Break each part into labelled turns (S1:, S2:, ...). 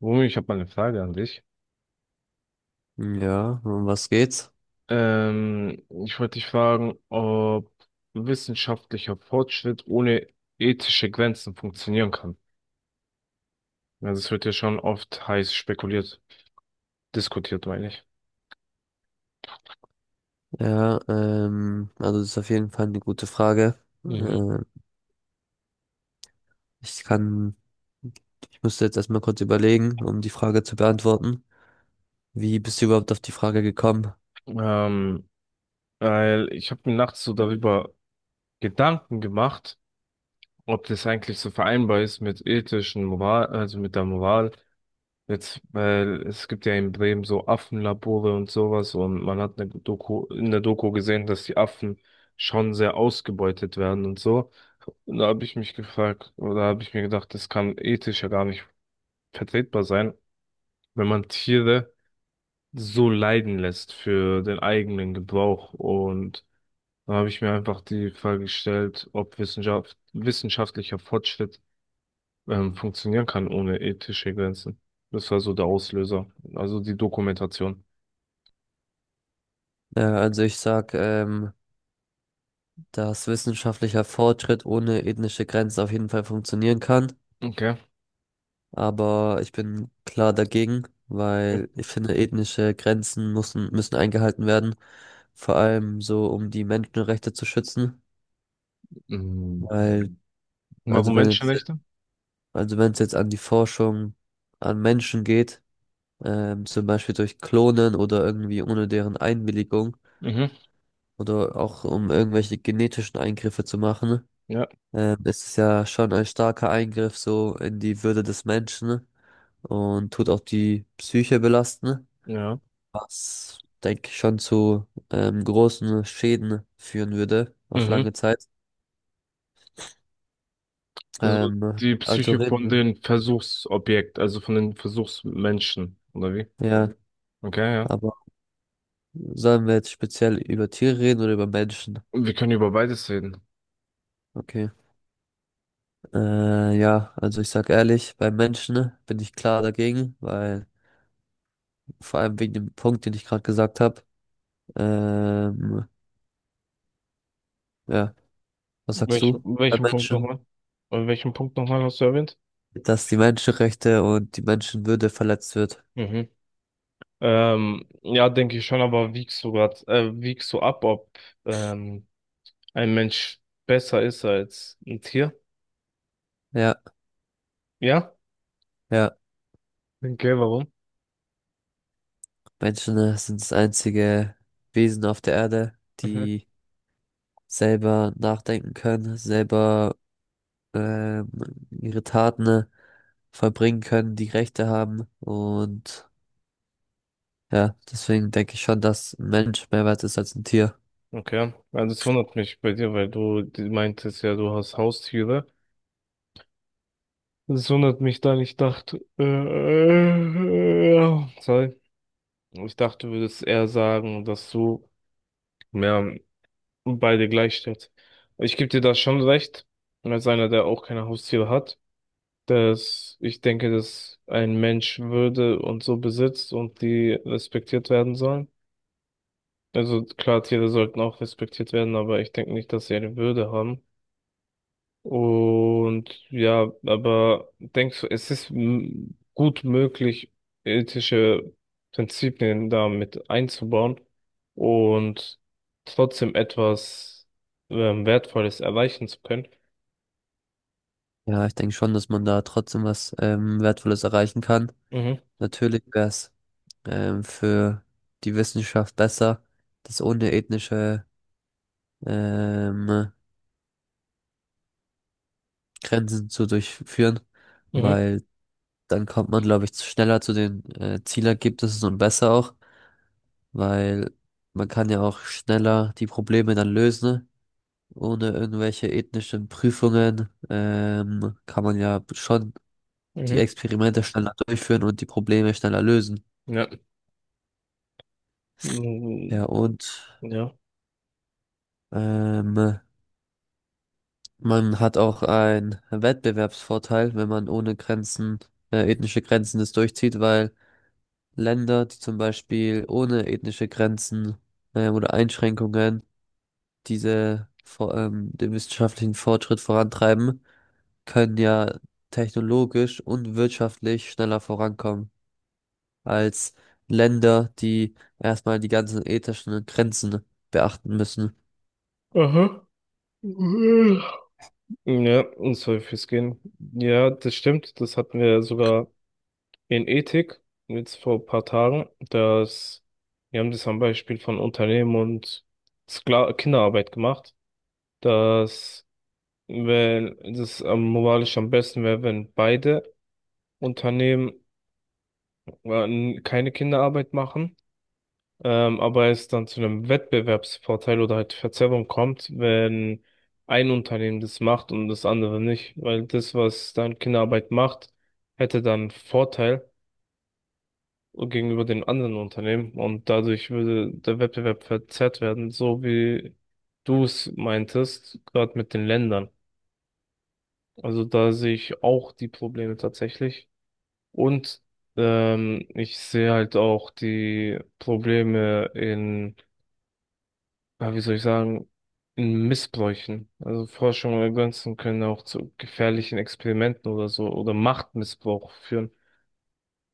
S1: Rumi, ich habe mal eine Frage an dich.
S2: Ja, um was geht's?
S1: Ich wollte dich fragen, ob wissenschaftlicher Fortschritt ohne ethische Grenzen funktionieren kann. Also es wird ja schon oft heiß spekuliert, diskutiert, meine ich.
S2: Ja, also das ist auf jeden Fall eine gute Frage.
S1: Mhm.
S2: Äh, ich kann, ich musste jetzt erstmal kurz überlegen, um die Frage zu beantworten. Wie bist du überhaupt auf die Frage gekommen?
S1: Ähm, Weil ich habe mir nachts so darüber Gedanken gemacht, ob das eigentlich so vereinbar ist mit ethischen Moral, also mit der Moral jetzt, weil es gibt ja in Bremen so Affenlabore und sowas, und man hat eine Doku, in der Doku gesehen, dass die Affen schon sehr ausgebeutet werden und so. Und da habe ich mich gefragt, oder habe ich mir gedacht, das kann ethisch ja gar nicht vertretbar sein, wenn man Tiere so leiden lässt für den eigenen Gebrauch. Und da habe ich mir einfach die Frage gestellt, ob Wissenschaft, wissenschaftlicher Fortschritt funktionieren kann ohne ethische Grenzen. Das war so der Auslöser, also die Dokumentation.
S2: Also ich sag, dass wissenschaftlicher Fortschritt ohne ethnische Grenzen auf jeden Fall funktionieren kann,
S1: Okay.
S2: aber ich bin klar dagegen, weil ich finde, ethnische Grenzen müssen eingehalten werden, vor allem so, um die Menschenrechte zu schützen.
S1: Mhm.
S2: Weil, Also
S1: Warum
S2: wenn jetzt,
S1: Menschenrechte?
S2: also wenn es jetzt an die Forschung an Menschen geht, zum Beispiel durch Klonen oder irgendwie ohne deren Einwilligung
S1: Mhm.
S2: oder auch um irgendwelche genetischen Eingriffe zu machen,
S1: Ja,
S2: ist es ja schon ein starker Eingriff so in die Würde des Menschen und tut auch die Psyche belasten,
S1: ja.
S2: was, denke ich, schon zu großen Schäden führen würde auf
S1: Mhm.
S2: lange Zeit.
S1: Also
S2: Ähm,
S1: die
S2: also
S1: Psyche von
S2: reden,
S1: den Versuchsobjekt, also von den Versuchsmenschen, oder wie?
S2: ja,
S1: Okay, ja.
S2: aber sollen wir jetzt speziell über Tiere reden oder über Menschen?
S1: Wir können über beides reden.
S2: Okay. Ja, also ich sag ehrlich, bei Menschen bin ich klar dagegen, weil vor allem wegen dem Punkt, den ich gerade gesagt habe. Ähm, ja, was sagst
S1: Welchen,
S2: du? Bei
S1: welchen Punkt
S2: Menschen,
S1: nochmal? Welchen Punkt nochmal hast du erwähnt?
S2: dass die Menschenrechte und die Menschenwürde verletzt wird.
S1: Mhm. Ja, denke ich schon, aber wiegst du grad, wiegst du ab, ob ähm, ein Mensch besser ist als ein Tier?
S2: Ja,
S1: Ja?
S2: ja.
S1: Okay, warum?
S2: Menschen sind das einzige Wesen auf der Erde,
S1: Mhm.
S2: die selber nachdenken können, selber ähm, ihre Taten verbringen können, die Rechte haben. Und ja, deswegen denke ich schon, dass ein Mensch mehr wert ist als ein Tier.
S1: Okay. Also es wundert mich bei dir, weil du meintest ja, du hast Haustiere. Es wundert mich dann, ich dachte, sorry. Ich dachte, du würdest eher sagen, dass du mehr beide gleich stellst. Ich gebe dir da schon recht, als einer, der auch keine Haustiere hat, dass ich denke, dass ein Mensch Würde und so besitzt und die respektiert werden sollen. Also klar, Tiere sollten auch respektiert werden, aber ich denke nicht, dass sie eine Würde haben. Und ja, aber denkst du, es ist gut möglich, ethische Prinzipien da mit einzubauen und trotzdem etwas Wertvolles erreichen zu können?
S2: Ja, ich denke schon, dass man da trotzdem was Wertvolles erreichen kann.
S1: Mhm,
S2: Natürlich wäre es für die Wissenschaft besser, das ohne ethnische ähm, Grenzen zu durchführen,
S1: mhm,
S2: weil dann kommt man, glaube ich, schneller zu den Zielergebnissen und besser auch. Weil man kann ja auch schneller die Probleme dann lösen, ne? Ohne irgendwelche ethnischen Prüfungen kann man ja schon die
S1: mhm,
S2: Experimente schneller durchführen und die Probleme schneller lösen.
S1: ja.
S2: Ja,
S1: Mhm,
S2: und
S1: ja.
S2: ähm, man hat auch einen Wettbewerbsvorteil, wenn man ohne Grenzen, ethnische Grenzen das durchzieht, weil Länder, die zum Beispiel ohne ethnische Grenzen oder Einschränkungen den wissenschaftlichen Fortschritt vorantreiben, können ja technologisch und wirtschaftlich schneller vorankommen als Länder, die erstmal die ganzen ethischen Grenzen beachten müssen.
S1: Aha. Ja, und soll fürs Gehen. Ja, das stimmt. Das hatten wir sogar in Ethik, jetzt vor ein paar Tagen, dass, wir haben das am Beispiel von Unternehmen und Skla Kinderarbeit gemacht, dass, wenn das am moralisch am besten wäre, wenn beide Unternehmen äh, keine Kinderarbeit machen, aber es dann zu einem Wettbewerbsvorteil oder halt Verzerrung kommt, wenn ein Unternehmen das macht und das andere nicht, weil das, was dann Kinderarbeit macht, hätte dann Vorteil gegenüber den anderen Unternehmen, und dadurch würde der Wettbewerb verzerrt werden, so wie du es meintest, gerade mit den Ländern. Also da sehe ich auch die Probleme tatsächlich, und ich sehe halt auch die Probleme in, ja, wie soll ich sagen, in Missbräuchen. Also Forschung oder Grenzen können auch zu gefährlichen Experimenten oder so oder Machtmissbrauch führen.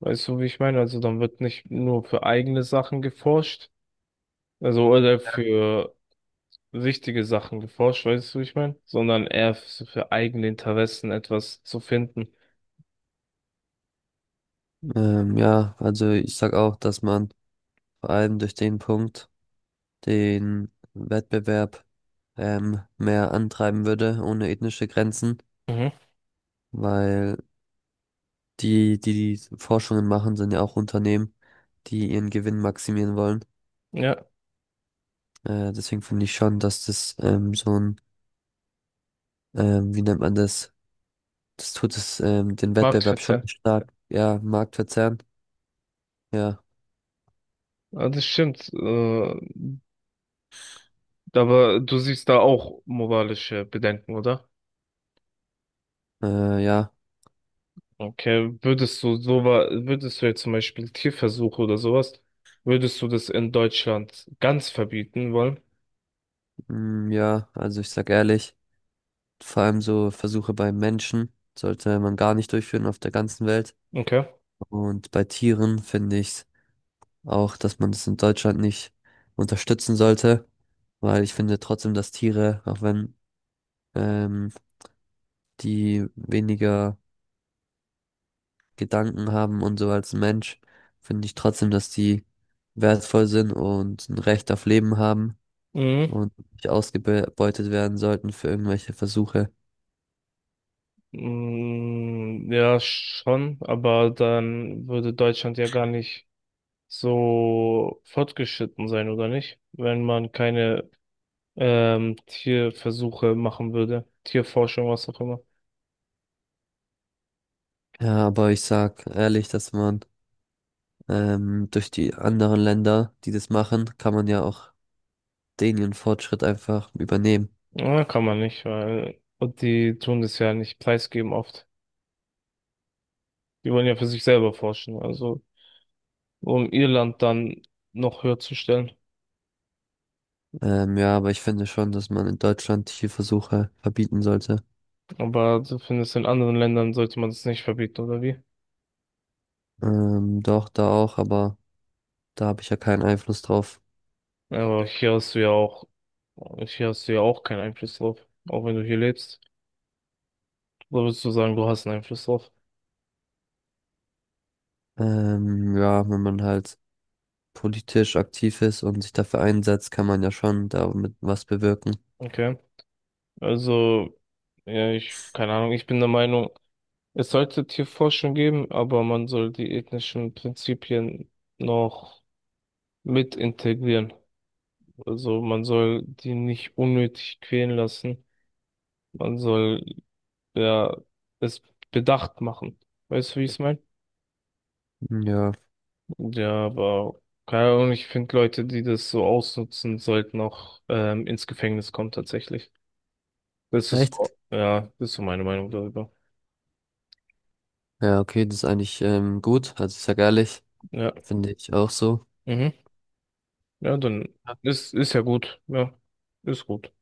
S1: Weißt du, wie ich meine? Also dann wird nicht nur für eigene Sachen geforscht, also oder für wichtige Sachen geforscht, weißt du, wie ich meine? Sondern eher so für eigene Interessen etwas zu finden.
S2: Ja, also ich sag auch, dass man vor allem durch den Punkt den Wettbewerb mehr antreiben würde, ohne ethnische Grenzen,
S1: Mhm.
S2: weil die Forschungen machen, sind ja auch Unternehmen, die ihren Gewinn maximieren wollen.
S1: Ja,
S2: Deswegen finde ich schon, dass das wie nennt man das? Das tut es, den Wettbewerb schon
S1: Marktverzerr.
S2: stark, ja, Marktverzerren, ja,
S1: Ja, das stimmt. Aber du siehst da auch moralische Bedenken, oder?
S2: ja,
S1: Okay, würdest du würdest du jetzt zum Beispiel Tierversuche oder sowas, würdest du das in Deutschland ganz verbieten wollen?
S2: ja, also ich sag ehrlich, vor allem so Versuche bei Menschen sollte man gar nicht durchführen auf der ganzen Welt.
S1: Okay.
S2: Und bei Tieren finde ich auch, dass man das in Deutschland nicht unterstützen sollte, weil ich finde trotzdem, dass Tiere, auch wenn ähm, die weniger Gedanken haben und so als Mensch, finde ich trotzdem, dass die wertvoll sind und ein Recht auf Leben haben
S1: Mhm.
S2: und nicht ausgebeutet werden sollten für irgendwelche Versuche.
S1: Mm, ja, schon, aber dann würde Deutschland ja gar nicht so fortgeschritten sein, oder nicht? Wenn man keine Tierversuche machen würde, Tierforschung, was auch immer.
S2: Ja, aber ich sag ehrlich, dass man durch die anderen Länder, die das machen, kann man ja auch den ihren Fortschritt einfach übernehmen.
S1: Ja, kann man nicht, weil und die tun das ja nicht preisgeben oft. Die wollen ja für sich selber forschen, also um ihr Land dann noch höher zu stellen.
S2: Ja, aber ich finde schon, dass man in Deutschland Tierversuche verbieten sollte.
S1: Aber du findest, in anderen Ländern sollte man das nicht verbieten, oder wie?
S2: Doch, da auch, aber da habe ich ja keinen Einfluss drauf.
S1: Aber hier hast du ja auch, hier hast du ja auch keinen Einfluss drauf, auch wenn du hier lebst. Da würdest du sagen, du hast einen Einfluss drauf.
S2: Ja, wenn man halt politisch aktiv ist und sich dafür einsetzt, kann man ja schon damit was bewirken.
S1: Okay. Also, ja, ich, keine Ahnung, ich bin der Meinung, es sollte Tierforschung geben, aber man soll die ethnischen Prinzipien noch mit integrieren. Also, man soll die nicht unnötig quälen lassen. Man soll, ja, es bedacht machen. Weißt du, wie ich es meine?
S2: Hm. Ja.
S1: Ja, aber, keine Ahnung, ich finde Leute, die das so ausnutzen, sollten auch, ins Gefängnis kommen, tatsächlich. Das ist,
S2: Echt?
S1: ja, das ist so meine Meinung darüber.
S2: Ja, okay, das ist eigentlich gut. Also ich sag ehrlich,
S1: Ja.
S2: finde ich auch so.
S1: Mhm. Ja, dann ist ja gut. Ja, ist gut.